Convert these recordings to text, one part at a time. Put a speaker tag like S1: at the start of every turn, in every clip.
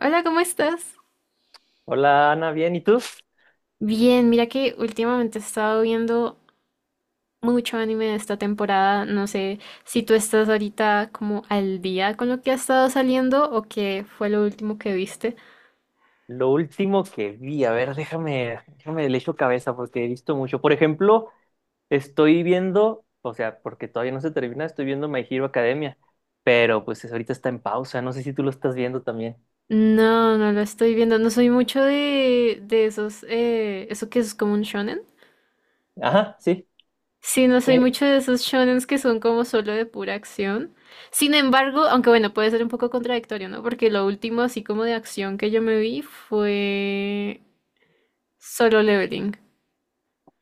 S1: Hola, ¿cómo estás?
S2: Hola Ana, bien, ¿y tú?
S1: Bien, mira que últimamente he estado viendo mucho anime de esta temporada. No sé si tú estás ahorita como al día con lo que ha estado saliendo o qué fue lo último que viste.
S2: Lo último que vi, a ver, déjame le echo cabeza porque he visto mucho. Por ejemplo, estoy viendo, o sea, porque todavía no se termina, estoy viendo My Hero Academia, pero pues ahorita está en pausa, no sé si tú lo estás viendo también.
S1: No, no lo estoy viendo. No soy mucho de esos, eso que es como un shonen.
S2: Ajá, sí.
S1: Sí, no soy
S2: ¿Qué?
S1: mucho de esos shonens que son como solo de pura acción. Sin embargo, aunque bueno, puede ser un poco contradictorio, ¿no? Porque lo último así como de acción que yo me vi fue Solo Leveling.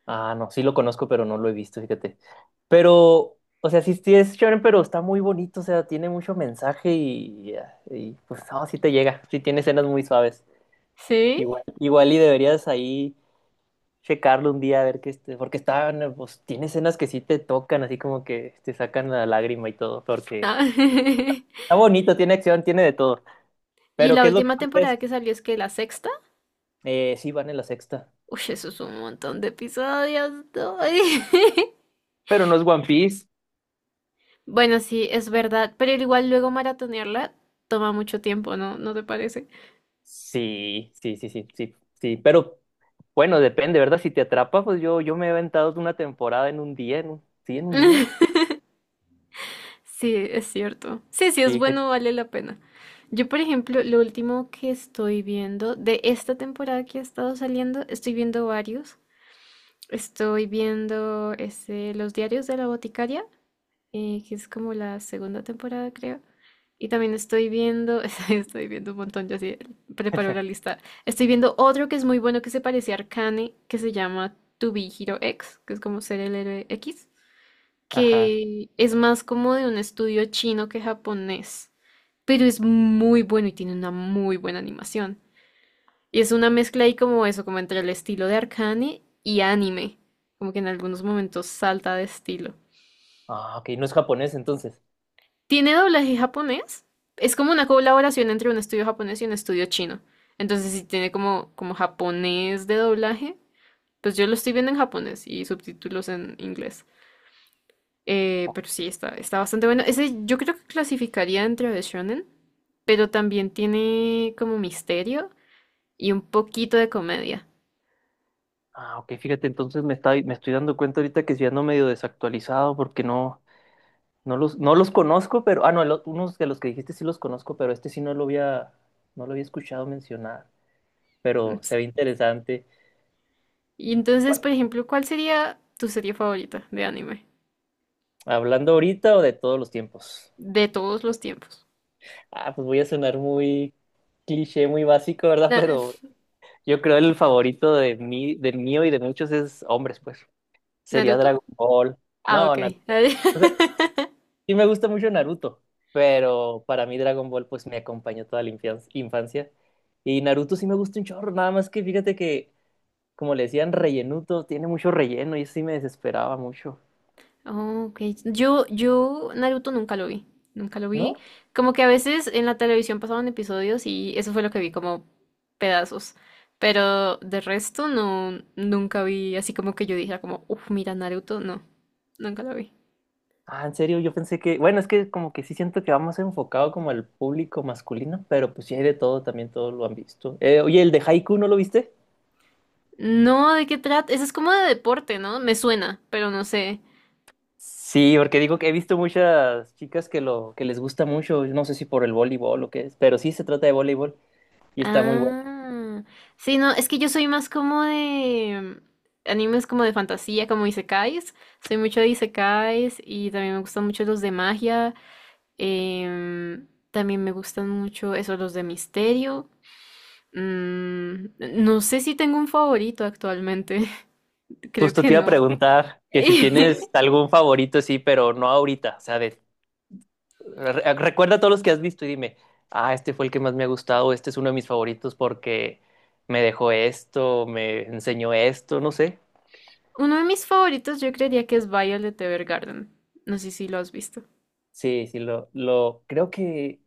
S2: Ah, no, sí lo conozco, pero no lo he visto, fíjate. Pero, o sea, sí, sí es shonen, pero está muy bonito, o sea, tiene mucho mensaje pues no, sí te llega, sí tiene escenas muy suaves.
S1: ¿Sí?
S2: Igual, igual y deberías ahí checarlo un día a ver qué este, porque estaban, pues tiene escenas que sí te tocan, así como que te sacan la lágrima y todo, porque
S1: Ah,
S2: está bonito, tiene acción, tiene de todo.
S1: Y
S2: Pero
S1: la
S2: ¿qué es lo que
S1: última
S2: más
S1: temporada
S2: ves?
S1: que salió es que la sexta.
S2: Sí, van en la sexta.
S1: Uy, eso es un montón de episodios. No.
S2: Pero no es One Piece.
S1: Bueno, sí, es verdad, pero igual luego maratonearla toma mucho tiempo, ¿no? ¿No te parece?
S2: Sí, sí, sí, sí, sí, sí. Pero bueno, depende, ¿verdad? Si te atrapa, pues yo, me he aventado una temporada en un día, en un, sí, en un día.
S1: Sí, es cierto. Sí, sí, es
S2: Sí,
S1: bueno, vale la pena. Yo, por ejemplo, lo último que estoy viendo de esta temporada que ha estado saliendo, estoy viendo varios. Estoy viendo este, Los diarios de la boticaria. Que es como la segunda temporada, creo. Y también estoy viendo, estoy viendo un montón, yo así preparo la lista. Estoy viendo otro que es muy bueno que se parece a Arcane, que se llama To Be Hero X, que es como ser el héroe X,
S2: Ajá.
S1: que es más como de un estudio chino que japonés, pero es muy bueno y tiene una muy buena animación. Y es una mezcla ahí como eso, como entre el estilo de Arcane y anime, como que en algunos momentos salta de estilo.
S2: Ah, ok, no es japonés entonces.
S1: Tiene doblaje japonés. Es como una colaboración entre un estudio japonés y un estudio chino. Entonces, si tiene como japonés de doblaje, pues yo lo estoy viendo en japonés y subtítulos en inglés. Pero sí, está bastante bueno. Ese yo creo que clasificaría dentro de shonen, pero también tiene como misterio y un poquito de comedia.
S2: Ah, ok, fíjate, entonces me estoy dando cuenta ahorita que ya ando medio desactualizado porque no, no los conozco, pero. Ah, no, unos de los que dijiste sí los conozco, pero este sí no lo había escuchado mencionar. Pero se
S1: Ents-
S2: ve interesante.
S1: Y entonces,
S2: ¿Cuál?
S1: por ejemplo, ¿cuál sería tu serie favorita de anime?
S2: ¿Hablando ahorita o de todos los tiempos?
S1: De todos los tiempos.
S2: Ah, pues voy a sonar muy cliché, muy básico, ¿verdad?
S1: Na-
S2: Pero yo creo el favorito de mí, del mío y de muchos es hombres, pues. Sería
S1: ¿Naruto?
S2: Dragon Ball.
S1: Ah,
S2: No,
S1: ok.
S2: Naruto. O sea, sí me gusta mucho Naruto, pero para mí Dragon Ball pues me acompañó toda la infancia. Y Naruto sí me gusta un chorro, nada más que fíjate que como le decían, rellenuto, tiene mucho relleno y sí me desesperaba mucho.
S1: Oh, ok. Yo Naruto nunca lo vi. Nunca lo
S2: ¿No?
S1: vi. Como que a veces en la televisión pasaban episodios y eso fue lo que vi, como pedazos. Pero de resto no, nunca vi así como que yo dijera como, uff, mira Naruto. No, nunca lo vi.
S2: Ah, en serio, yo pensé que, bueno, es que como que sí siento que va más enfocado como al público masculino, pero pues sí hay de todo, también todos lo han visto. Oye, el de Haiku, ¿no lo viste?
S1: No, ¿de qué trata? Eso es como de deporte, ¿no? Me suena, pero no sé.
S2: Sí, porque digo que he visto muchas chicas que lo que les gusta mucho, no sé si por el voleibol o qué es, pero sí se trata de voleibol y está muy bueno.
S1: Ah, sí, no, es que yo soy más como de animes como de fantasía, como isekais. Soy mucho de isekais y también me gustan mucho los de magia. También me gustan mucho esos los de misterio. No sé si tengo un favorito actualmente. Creo
S2: Justo
S1: que
S2: te iba a
S1: no.
S2: preguntar que si tienes algún favorito, sí, pero no ahorita, o sea, de recuerda todos los que has visto y dime, ah, este fue el que más me ha gustado, este es uno de mis favoritos porque me dejó esto, me enseñó esto, no sé.
S1: Uno de mis favoritos yo creería que es Violet Evergarden. No sé si lo has visto.
S2: Sí, sí, creo que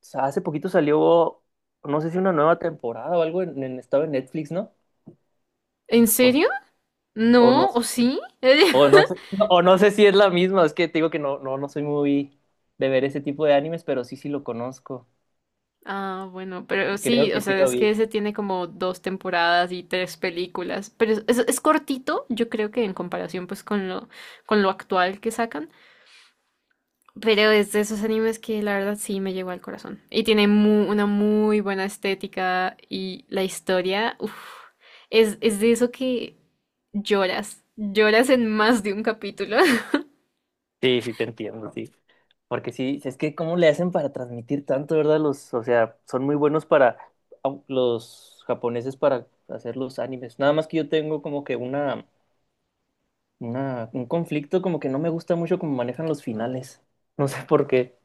S2: hace poquito salió, no sé si una nueva temporada o algo en estaba en Netflix, ¿no?
S1: ¿En
S2: O no,
S1: serio?
S2: o no,
S1: ¿No? ¿O sí?
S2: o no sé, no, o no sé si es la misma, es que te digo que no, no, no soy muy de ver ese tipo de animes, pero sí, sí lo conozco.
S1: Ah, bueno, pero
S2: Y creo
S1: sí, o
S2: que sí
S1: sea,
S2: lo
S1: es que
S2: vi.
S1: ese tiene como dos temporadas y tres películas, pero es cortito, yo creo que en comparación pues con lo actual que sacan, pero es de esos animes que la verdad sí me llegó al corazón. Y tiene una muy buena estética y la historia, uf, es de eso que lloras, lloras en más de un capítulo.
S2: Sí, sí, te entiendo, sí. Porque sí, es que cómo le hacen para transmitir tanto, ¿verdad? Los, o sea, son muy buenos para los japoneses para hacer los animes. Nada más que yo tengo como que un conflicto como que no me gusta mucho cómo manejan los finales. No sé por qué.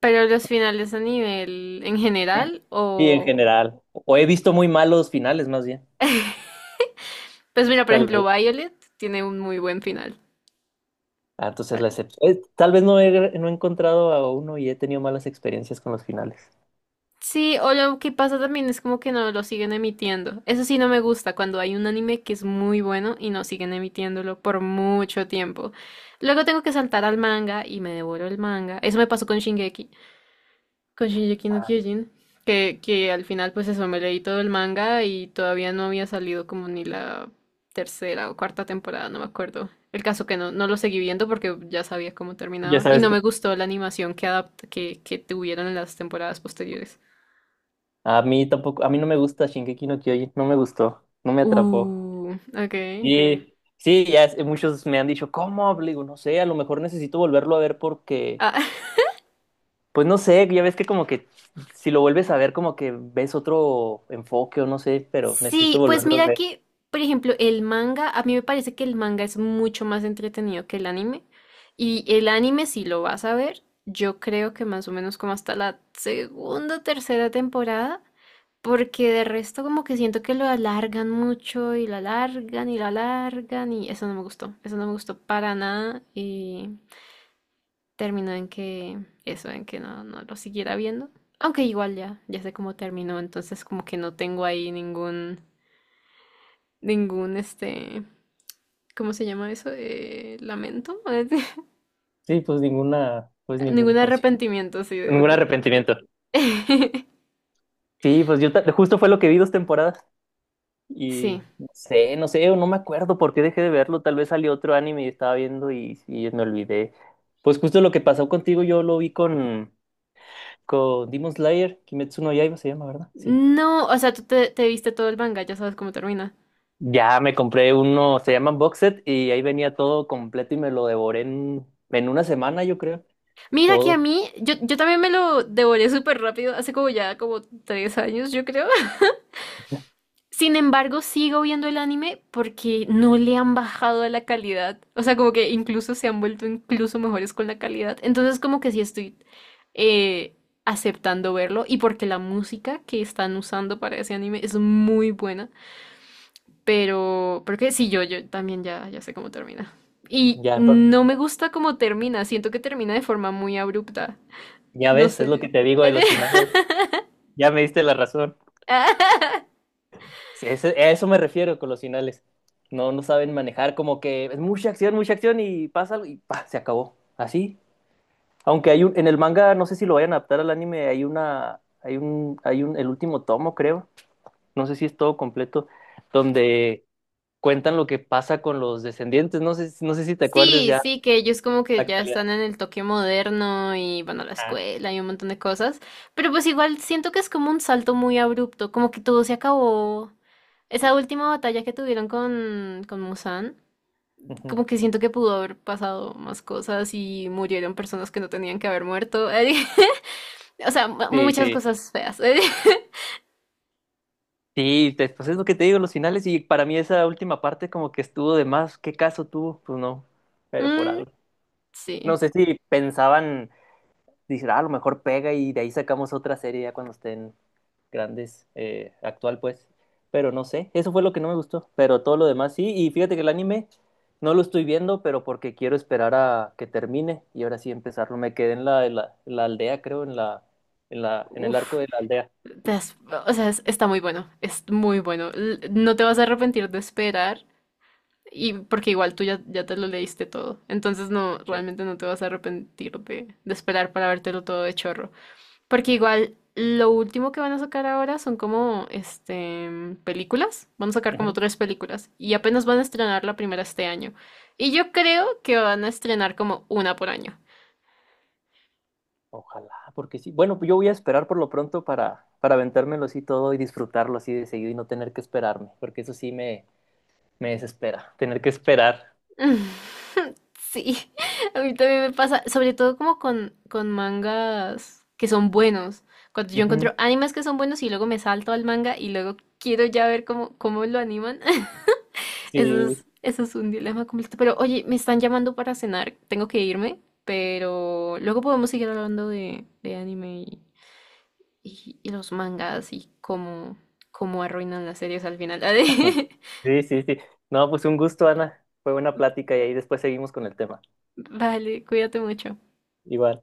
S1: Pero los finales a nivel en
S2: Sí,
S1: general
S2: sí, en
S1: o...
S2: general. O he visto muy malos finales, más bien.
S1: Pues mira, por
S2: Tal
S1: ejemplo,
S2: vez.
S1: Violet tiene un muy buen final.
S2: Ah, entonces la excepción. Tal vez no he, No he encontrado a uno y he tenido malas experiencias con los finales.
S1: Sí, o lo que pasa también es como que no lo siguen emitiendo. Eso sí no me gusta cuando hay un anime que es muy bueno y no siguen emitiéndolo por mucho tiempo. Luego tengo que saltar al manga y me devoro el manga. Eso me pasó con con Shingeki no Kyojin, que al final pues eso me leí todo el manga y todavía no había salido como ni la tercera o cuarta temporada, no me acuerdo. El caso que no, no lo seguí viendo porque ya sabía cómo
S2: Ya
S1: terminaba y
S2: sabes.
S1: no me gustó la animación que que tuvieron en las temporadas posteriores.
S2: A mí tampoco, a mí no me gusta Shingeki no Kyojin, no me gustó, no me atrapó.
S1: Ok.
S2: Y sí, muchos me han dicho, ¿cómo? Le digo, no sé, a lo mejor necesito volverlo a ver porque,
S1: Ah,
S2: pues no sé, ya ves que como que si lo vuelves a ver como que ves otro enfoque o no sé, pero necesito
S1: sí, pues
S2: volverlo a
S1: mira
S2: ver.
S1: que, por ejemplo, el manga, a mí me parece que el manga es mucho más entretenido que el anime. Y el anime, si lo vas a ver, yo creo que más o menos como hasta la segunda o tercera temporada, porque de resto como que siento que lo alargan mucho y lo alargan y lo alargan y eso no me gustó, eso no me gustó para nada. Terminó en que eso, en que no lo siguiera viendo. Aunque igual ya, ya sé cómo terminó, entonces como que no tengo ahí ningún, este, ¿cómo se llama eso? Lamento,
S2: Sí, pues ninguna, pues ningún,
S1: ningún
S2: pues sí,
S1: arrepentimiento así de,
S2: ningún
S1: de- de-
S2: arrepentimiento. Sí, pues yo justo fue lo que vi dos temporadas.
S1: Sí.
S2: Y no sé, no sé, no me acuerdo por qué dejé de verlo. Tal vez salió otro anime y estaba viendo y me olvidé. Pues justo lo que pasó contigo, yo lo vi con Demon Slayer, Kimetsu no Yaiba se llama, ¿verdad? Sí.
S1: No, o sea, tú te viste todo el manga, ya sabes cómo termina.
S2: Ya me compré uno, se llaman Box Set, y ahí venía todo completo y me lo devoré en una semana, yo creo.
S1: Mira que a
S2: Todo.
S1: mí, yo también me lo devoré súper rápido, hace como ya como 3 años, yo creo. Sin embargo, sigo viendo el anime porque no le han bajado a la calidad. O sea, como que incluso se han vuelto incluso mejores con la calidad. Entonces, como que sí estoy eh, aceptando verlo. Y porque la música que están usando para ese anime es muy buena. Pero, porque sí, yo también ya, ya sé cómo termina. Y
S2: Ya,
S1: no me gusta cómo termina. Siento que termina de forma muy abrupta.
S2: ya
S1: No
S2: ves, es lo que
S1: sé.
S2: te digo de los finales. Ya me diste la razón. Sí, a eso me refiero con los finales. No, no saben manejar, como que es mucha acción y pasa algo y pa, se acabó. Así. Aunque en el manga, no sé si lo vayan a adaptar al anime, hay una, hay un, el último tomo, creo. No sé si es todo completo, donde cuentan lo que pasa con los descendientes. No sé, no sé si te acuerdes
S1: Sí,
S2: ya
S1: sí, que ellos como que
S2: la
S1: ya
S2: calidad.
S1: están en el toque moderno y bueno, la
S2: Ah,
S1: escuela y un montón de cosas, pero pues igual siento que es como un salto muy abrupto, como que todo se acabó. Esa última batalla que tuvieron con, Muzan,
S2: ujú.
S1: como que siento que pudo haber pasado más cosas y murieron personas que no tenían que haber muerto. O sea,
S2: Sí,
S1: muchas
S2: sí.
S1: cosas feas.
S2: Sí, pues es lo que te digo, los finales, y para mí esa última parte como que estuvo de más. ¿Qué caso tuvo? Pues no, pero por
S1: Mm,
S2: algo. No
S1: sí.
S2: sé si pensaban, dicen, ah, a lo mejor pega y de ahí sacamos otra serie ya cuando estén grandes, actual pues. Pero no sé, eso fue lo que no me gustó. Pero todo lo demás sí. Y fíjate que el anime no lo estoy viendo, pero porque quiero esperar a que termine y ahora sí empezarlo. Me quedé en la aldea, creo, en el arco
S1: Uf.
S2: de la aldea.
S1: Te has- o sea, está muy bueno. Es muy bueno. No te vas a arrepentir de esperar. Y porque igual tú ya, ya te lo leíste todo. Entonces no,
S2: Sí.
S1: realmente no te vas a arrepentir de, esperar para vértelo todo de chorro. Porque igual lo último que van a sacar ahora son como este películas. Van a sacar como
S2: Ujú.
S1: tres películas. Y apenas van a estrenar la primera este año. Y yo creo que van a estrenar como una por año.
S2: Ojalá, porque sí. Bueno, pues yo voy a esperar por lo pronto para aventármelo así todo y disfrutarlo así de seguido y no tener que esperarme, porque eso sí me desespera tener que esperar.
S1: Sí, a mí también me pasa, sobre todo como con mangas que son buenos. Cuando yo encuentro
S2: Ujú.
S1: animes que son buenos y luego me salto al manga y luego quiero ya ver cómo lo animan. Eso
S2: Sí,
S1: es, eso es un dilema completo. Pero oye, me están llamando para cenar, tengo que irme, pero luego podemos seguir hablando de anime y los mangas y cómo arruinan las series al final.
S2: sí, sí, sí. No, pues un gusto, Ana. Fue buena plática y ahí después seguimos con el tema.
S1: Vale, cuídate mucho.
S2: Igual.